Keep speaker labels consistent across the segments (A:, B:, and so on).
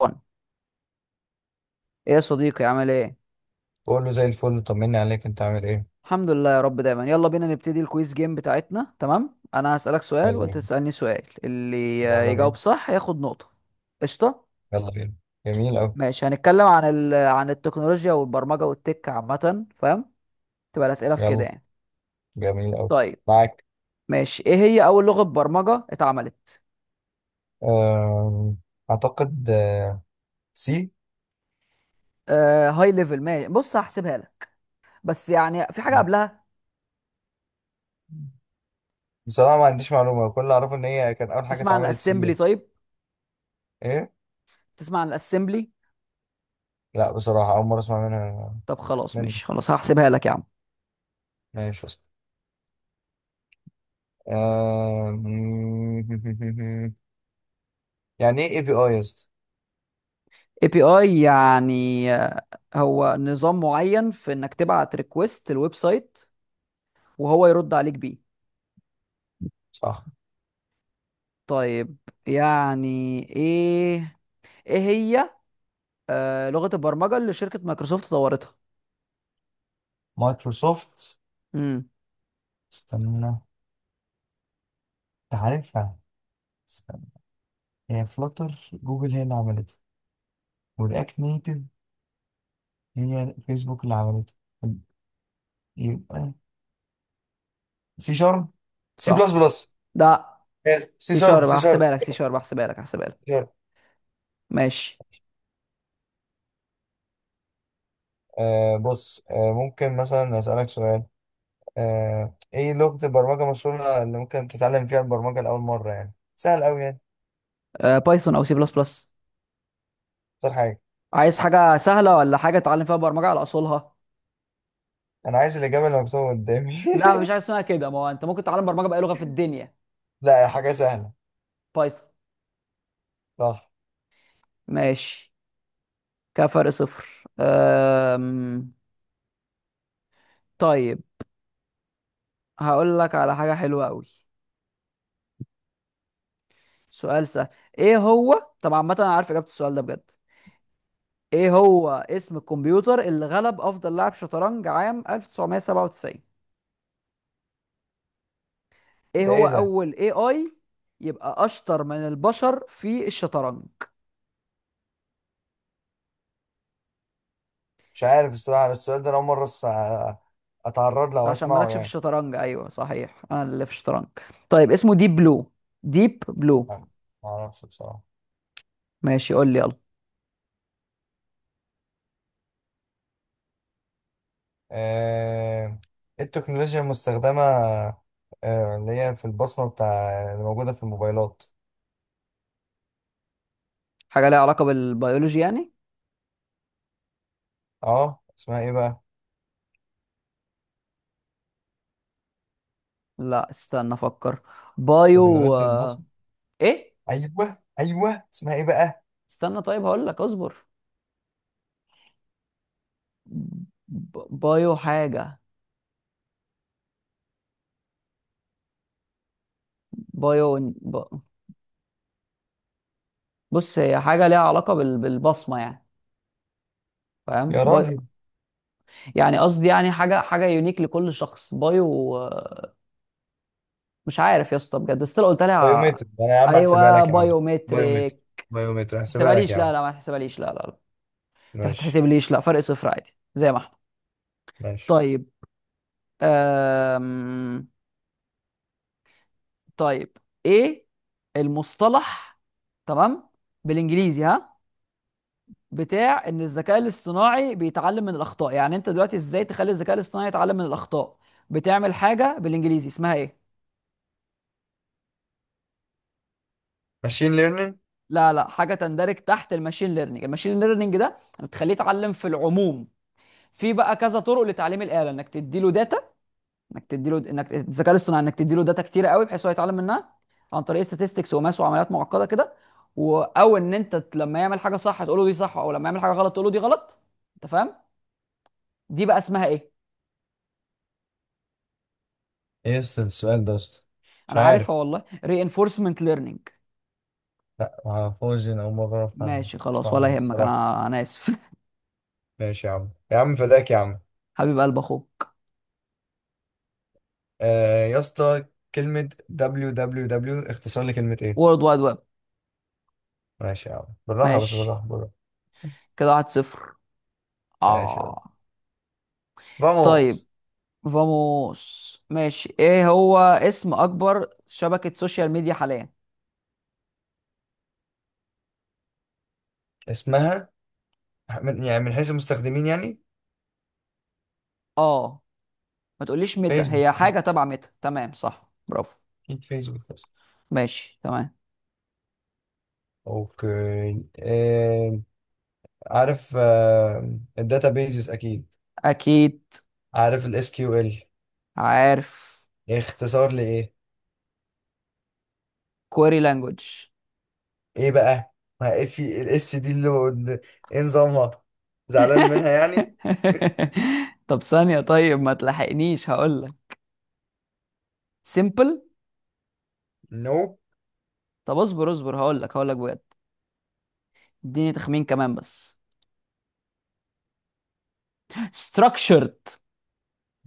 A: وان. ايه يا صديقي عامل ايه؟
B: بقول له زي الفل، طمني عليك. انت عامل ايه؟
A: الحمد لله يا رب دايما، يلا بينا نبتدي الكويز جيم بتاعتنا. تمام، انا هسألك سؤال
B: يلا
A: وانت
B: بينا،
A: تسألني سؤال، اللي
B: يلا بينا،
A: يجاوب صح ياخد نقطة. قشطة.
B: يلا بينا. جميل أوي.
A: ماشي، هنتكلم عن عن التكنولوجيا والبرمجة والتك عامة، فاهم؟ تبقى الأسئلة في كده
B: يلا.
A: يعني.
B: جميل أوي.
A: طيب.
B: معاك.
A: ماشي، ايه هي اول لغة برمجة اتعملت؟
B: أم، أعتقد سي.
A: آه هاي ليفل، ماشي، بص هحسبها لك، بس يعني في حاجة قبلها.
B: بصراحة ما عنديش معلومة، كل اللي أعرفه إن هي كان أول حاجة
A: تسمع عن
B: اتعملت
A: الاسمبلي؟
B: سي.
A: طيب،
B: إيه؟
A: تسمع عن الاسمبلي؟
B: لا بصراحة، أول مرة أسمع منها.
A: طب خلاص،
B: منك.
A: ماشي خلاص، هحسبها لك يا عم.
B: ماشي أصلا. أم، يعني إيه API يا اسطى؟
A: اي بي اي يعني هو نظام معين في انك تبعت ريكوست الويب سايت، وهو يرد عليك بيه.
B: صح.
A: طيب. يعني ايه؟ ايه هي لغة البرمجة اللي شركة مايكروسوفت طورتها؟
B: مايكروسوفت؟
A: امم.
B: استنى أنت، عارفها. استنى، هي فلاتر جوجل هي اللي عملتها، ورياكت نيتف هي فيسبوك اللي عملته. طب، يبقى سي شارب. سي بلس
A: صح.
B: بلس.
A: ده
B: سي
A: سي
B: شارب.
A: شارب،
B: سي شارب
A: هحسبها لك سي شارب، هحسبها لك هحسبها لك.
B: سي شارب.
A: ماشي.
B: آه بص، ممكن مثلا أسألك سؤال؟ ايه لغة البرمجة المشهورة اللي ممكن تتعلم فيها البرمجة لأول مرة؟ يعني سهل أوي يعني.
A: بايثون او سي بلس بلس.
B: اختار حاجة.
A: عايز حاجة سهلة ولا حاجة تتعلم فيها برمجة على اصولها؟
B: أنا عايز الإجابة اللي مكتوبة قدامي
A: لا، مفيش حاجة اسمها كده، ما هو انت ممكن تتعلم برمجة بأي لغة في الدنيا.
B: لا، يا حاجة سهلة.
A: بايثون.
B: صح.
A: ماشي كده، فرق صفر. طيب، هقول لك على حاجة حلوة قوي. سؤال سهل. ايه هو، طب عامة انا عارف اجابة السؤال ده بجد. ايه هو اسم الكمبيوتر اللي غلب افضل لاعب شطرنج عام 1997؟ ايه
B: ده
A: هو
B: ايه ده؟
A: اول اي اي يبقى اشطر من البشر في الشطرنج؟
B: مش عارف الصراحة، أنا السؤال ده أنا أول مرة أتعرض له
A: ده
B: أو
A: عشان
B: أسمعه
A: مالكش في
B: يعني.
A: الشطرنج، ايوه صحيح انا اللي في الشطرنج. طيب اسمه ديب بلو. ديب بلو.
B: معرفش بصراحة.
A: ماشي، قول لي يلا.
B: آه، التكنولوجيا المستخدمة، اللي هي في البصمة بتاع اللي موجودة في الموبايلات.
A: حاجة ليها علاقة بالبيولوجي يعني.
B: اه، اسمها ايه بقى؟
A: لا استنى افكر. بايو
B: تكنولوجيا البصمة.
A: ايه،
B: ايوه ايوه، اسمها ايه بقى؟
A: استنى، طيب هقول لك اصبر. ب- بايو حاجة. بايو ب... بص، هي حاجة ليها علاقة بالبصمة يعني، فاهم؟
B: يا راجل.
A: يعني قصدي يعني حاجة يونيك لكل شخص. بايو مش عارف يا اسطى بجد، بس لو قلت لها
B: بايومتر. انا يا عم هحسبها
A: ايوه
B: لك يا عم. بايومتر.
A: بايومتريك.
B: بايومتر
A: ما
B: هحسبها لك يا
A: تحسبهاليش، لا
B: عم.
A: لا، ما تحسبهاليش، لا لا لا، ما
B: ماشي.
A: تحسبليش لا، فرق صفر عادي زي ما احنا.
B: ماشي.
A: طيب أم... طيب، ايه المصطلح، تمام، بالانجليزي، ها، بتاع ان الذكاء الاصطناعي بيتعلم من الاخطاء؟ يعني انت دلوقتي ازاي تخلي الذكاء الاصطناعي يتعلم من الاخطاء؟ بتعمل حاجه بالانجليزي اسمها ايه؟
B: ماشين ليرنينج.
A: لا حاجه تندرج تحت الماشين ليرنينج، الماشين ليرنينج ده بتخليه يتعلم في العموم. في بقى كذا طرق لتعليم الاله، انك تدي له، انك الذكاء الاصطناعي، انك تدي له داتا كتيره قوي بحيث هو يتعلم منها عن طريق statistics وماس وعمليات معقده كده. او ان انت لما يعمل حاجه صح تقول له دي صح، او لما يعمل حاجه غلط تقول له دي غلط. انت فاهم؟ دي بقى اسمها ايه؟
B: ايه يا اسطى السؤال ده يا اسطى؟ مش
A: انا
B: عارف.
A: عارفها والله. reinforcement learning.
B: لا، معرفوش، انا اول مرة أعرف عنه.
A: ماشي خلاص،
B: اسمع
A: ولا
B: عنه
A: يهمك،
B: الصراحة.
A: انا اسف.
B: ماشي يا عم، يا عم فداك يا عم.
A: حبيب قلب اخوك.
B: آه يا اسطى، كلمة www اختصار لكلمة ايه؟
A: وورلد وايد ويب.
B: ماشي يا عم، بالراحة بس،
A: ماشي
B: بالراحة بالراحة.
A: كده، واحد صفر.
B: ماشي يا عم.
A: اه. طيب
B: فاموس.
A: فاموس، ماشي، ايه هو اسم اكبر شبكه سوشيال ميديا حاليا؟
B: اسمها، من يعني من حيث المستخدمين يعني؟
A: اه، ما تقوليش ميتا،
B: فيسبوك
A: هي
B: اكيد.
A: حاجة تبع ميتا، تمام صح، برافو.
B: أكيد فيسبوك بس.
A: ماشي تمام.
B: اوكي. عارف. الداتا بيزز اكيد.
A: أكيد.
B: عارف SQL.
A: عارف
B: اختصار لايه؟
A: كوري لانجوج.
B: ايه بقى؟ ما إيه في الاس دي ايه نظامها؟ زعلان منها يعني؟
A: طب ثانية، طيب ما تلحقنيش هقول لك. سيمبل.
B: نو.
A: طب اصبر اصبر، هقول لك هقول لك بجد. اديني تخمين كمان بس. structured.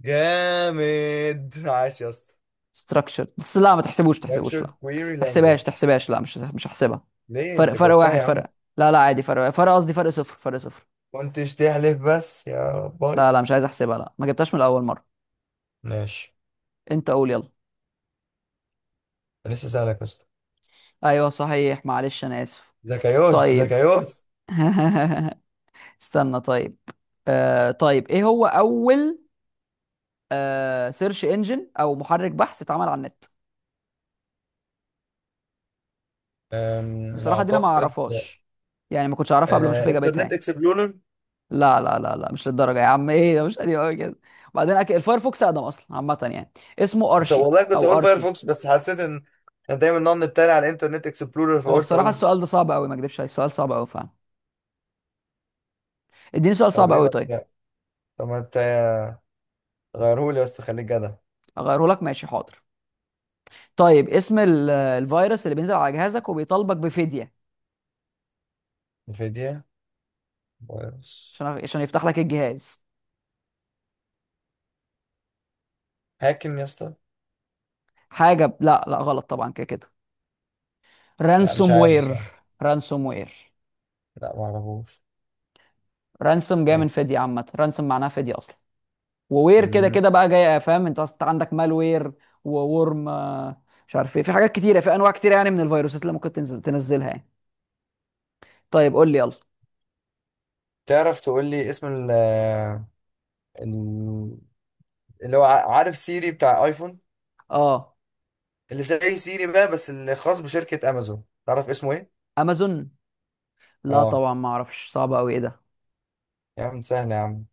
B: جامد عاش يا اسطى.
A: structured بس، لا ما تحسبوش تحسبوش لا.
B: Structured Query
A: تحسبهاش
B: Language.
A: تحسبهاش لا، مش هحسبها.
B: ليه
A: فرق
B: انت
A: فرق
B: جاوبتها
A: واحد
B: يا عم؟
A: فرق. لا لا، عادي، فرق قصدي، فرق صفر فرق صفر.
B: كنتش تحلف بس يا
A: لا
B: باي.
A: لا، مش عايز احسبها لا، ما جبتهاش من اول مرة.
B: ماشي.
A: انت قول يلا.
B: لسه سألك بس.
A: ايوه صحيح، معلش انا اسف.
B: زكايوس
A: طيب.
B: زكايوس.
A: استنى طيب. طيب ايه هو اول سيرش انجن او محرك بحث اتعمل على النت؟ بصراحه دي انا ما
B: اعتقد
A: اعرفهاش، يعني ما كنتش اعرفها قبل ما اشوف اجابتها
B: انترنت
A: يعني.
B: اكسبلورر.
A: لا لا لا لا، مش للدرجه يا عم، ايه ده، مش قديم قوي كده، وبعدين اكيد الفايرفوكس اقدم اصلا عامه يعني. اسمه
B: طب
A: ارشي
B: والله كنت
A: او
B: اقول
A: اركي.
B: فايرفوكس بس حسيت ان انا دايما نقعد نتريق على الانترنت اكسبلورر،
A: هو
B: فقلت
A: بصراحه
B: اقوله.
A: السؤال ده صعب قوي، ما اكدبش عليك السؤال صعب قوي فعلا. اديني سؤال
B: طب
A: صعب
B: ايه
A: قوي
B: ما
A: طيب.
B: ت- طب ما انت غيرهولي بس، خليك جدع.
A: اغيره لك، ماشي حاضر. طيب، اسم الفيروس اللي بينزل على جهازك وبيطالبك بفدية
B: انفيديا. فايروس.
A: عشان يفتح لك الجهاز؟
B: هاكن يا اسطى.
A: لا لا، غلط طبعا كده كده.
B: لا،
A: رانسوم
B: مش عارف
A: وير.
B: بصراحة.
A: رانسوم وير.
B: لا، ما اعرفوش.
A: رانسوم جايه من فديه عامه، رانسوم معناها فديه اصلا. ووير كده
B: طيب.
A: كده بقى جايه، فاهم؟ انت أصلاً عندك مالوير. وورم مش عارف، ايه، في حاجات كتيره، في انواع كتيره يعني من الفيروسات اللي ممكن تنزل تنزلها يعني. طيب قول لي يلا.
B: تعرف تقول لي اسم ال- اللي هو عارف سيري بتاع ايفون،
A: اه.
B: اللي زي سيري بقى بس اللي خاص بشركة امازون، تعرف اسمه ايه؟
A: امازون. لا
B: اه.
A: طبعا ما اعرفش، صعب قوي، ايه ده؟
B: يا عم سهل يا عم،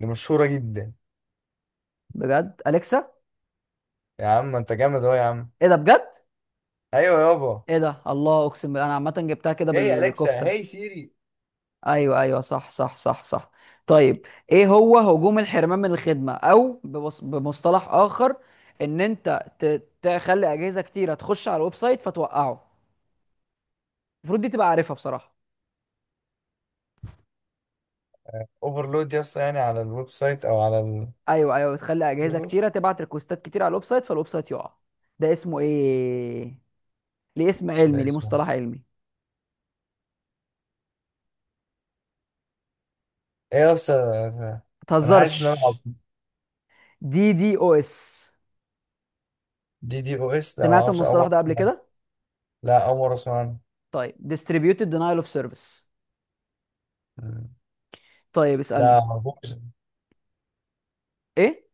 B: دي مشهورة جدا.
A: بجد، اليكسا.
B: يا عم انت جامد اهو يا عم.
A: ايه ده بجد؟
B: ايوه يابا.
A: ايه ده؟ الله، اقسم بالله انا عامه جبتها كده
B: هي اليكسا
A: بالكفته.
B: هي سيري.
A: ايوه ايوه، صح صح صح صح. طيب، ايه هو هجوم الحرمان من الخدمه، او بمصطلح اخر ان انت تخلي اجهزه كتيره تخش على الويب سايت فتوقعه؟ المفروض دي تبقى عارفها بصراحه.
B: اوفرلود يا اسطى، يعني على الويب سايت او على
A: ايوه ايوه، بتخلي اجهزه
B: السيرفر.
A: كتيره تبعت ريكوستات كتير على الويب سايت فالويب سايت يقع. ده اسمه ايه؟ ليه اسم
B: ده
A: علمي، ليه
B: اسمه
A: مصطلح علمي.
B: ايه يا اسطى؟ انا حاسس ان انا
A: متهزرش. دي دي او اس.
B: DDoS. لا، ما
A: سمعت
B: اعرفش، اول
A: المصطلح
B: مرة
A: ده قبل
B: أسمع عنها.
A: كده؟
B: لا، اول مرة اسمع عنها.
A: طيب، distributed denial of service. طيب
B: لا
A: اسالني.
B: ما اعرفوش.
A: ايه؟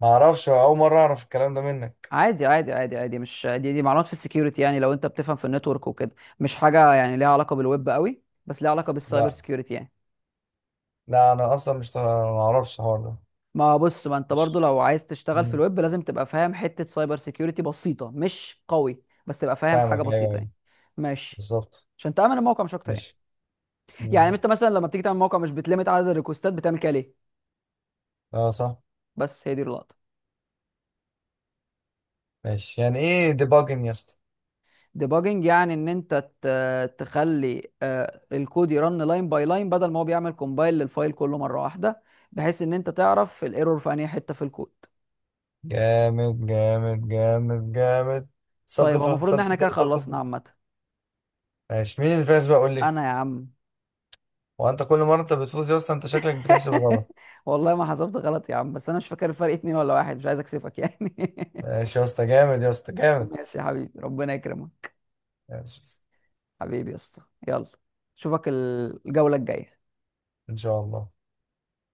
B: ما اعرفش، اول مره اعرف الكلام ده منك.
A: عادي عادي عادي عادي، مش دي معلومات في السكيورتي يعني، لو انت بتفهم في النتورك وكده. مش حاجه يعني ليها علاقه بالويب قوي، بس ليها علاقه بالسايبر
B: لا
A: سكيورتي يعني.
B: لا، انا اصلا مش ط- ما اعرفش الحوار ده.
A: ما بص، ما انت برضو
B: ماشي.
A: لو عايز تشتغل في
B: مم.
A: الويب لازم تبقى فاهم حته سايبر سكيورتي بسيطه، مش قوي بس تبقى فاهم حاجه
B: فاهمك. ايوه
A: بسيطه
B: ايوه.
A: يعني. ماشي.
B: بالظبط.
A: عشان تامن الموقع مش اكتر يعني.
B: ماشي.
A: يعني
B: مم.
A: انت مثلا لما بتيجي تعمل موقع مش بتلمت عدد الريكوستات، بتعمل كده ليه؟
B: اه صح.
A: بس هي دي اللقطه.
B: ماشي، يعني ايه ديباجن يا اسطى؟
A: ديباجنج يعني ان انت تخلي الكود يرن لاين باي لاين، بدل ما هو بيعمل كومبايل للفايل كله مره واحده، بحيث ان انت تعرف الايرور في انهي حته في الكود.
B: جامد جامد جامد جامد.
A: طيب، هو
B: ثقافه
A: المفروض ان احنا
B: ثقافه
A: كده خلصنا
B: ثقافه.
A: عامه.
B: ماشي، مين اللي فاز بقى؟ قول لي.
A: انا يا عم.
B: هو انت كل مره انت بتفوز يا اسطى، انت شكلك بتحسب غلط.
A: والله ما حسبت غلط يا عم، بس انا مش فاكر الفرق اتنين ولا واحد، مش عايز اكسفك يعني.
B: ماشي يا اسطى، جامد يا اسطى جامد.
A: ماشي يا حبيبي، ربنا يكرمك.
B: ماشي يا اسطى.
A: حبيبي يا اسطى. يلا، اشوفك الجوله الجايه.
B: ان شاء الله.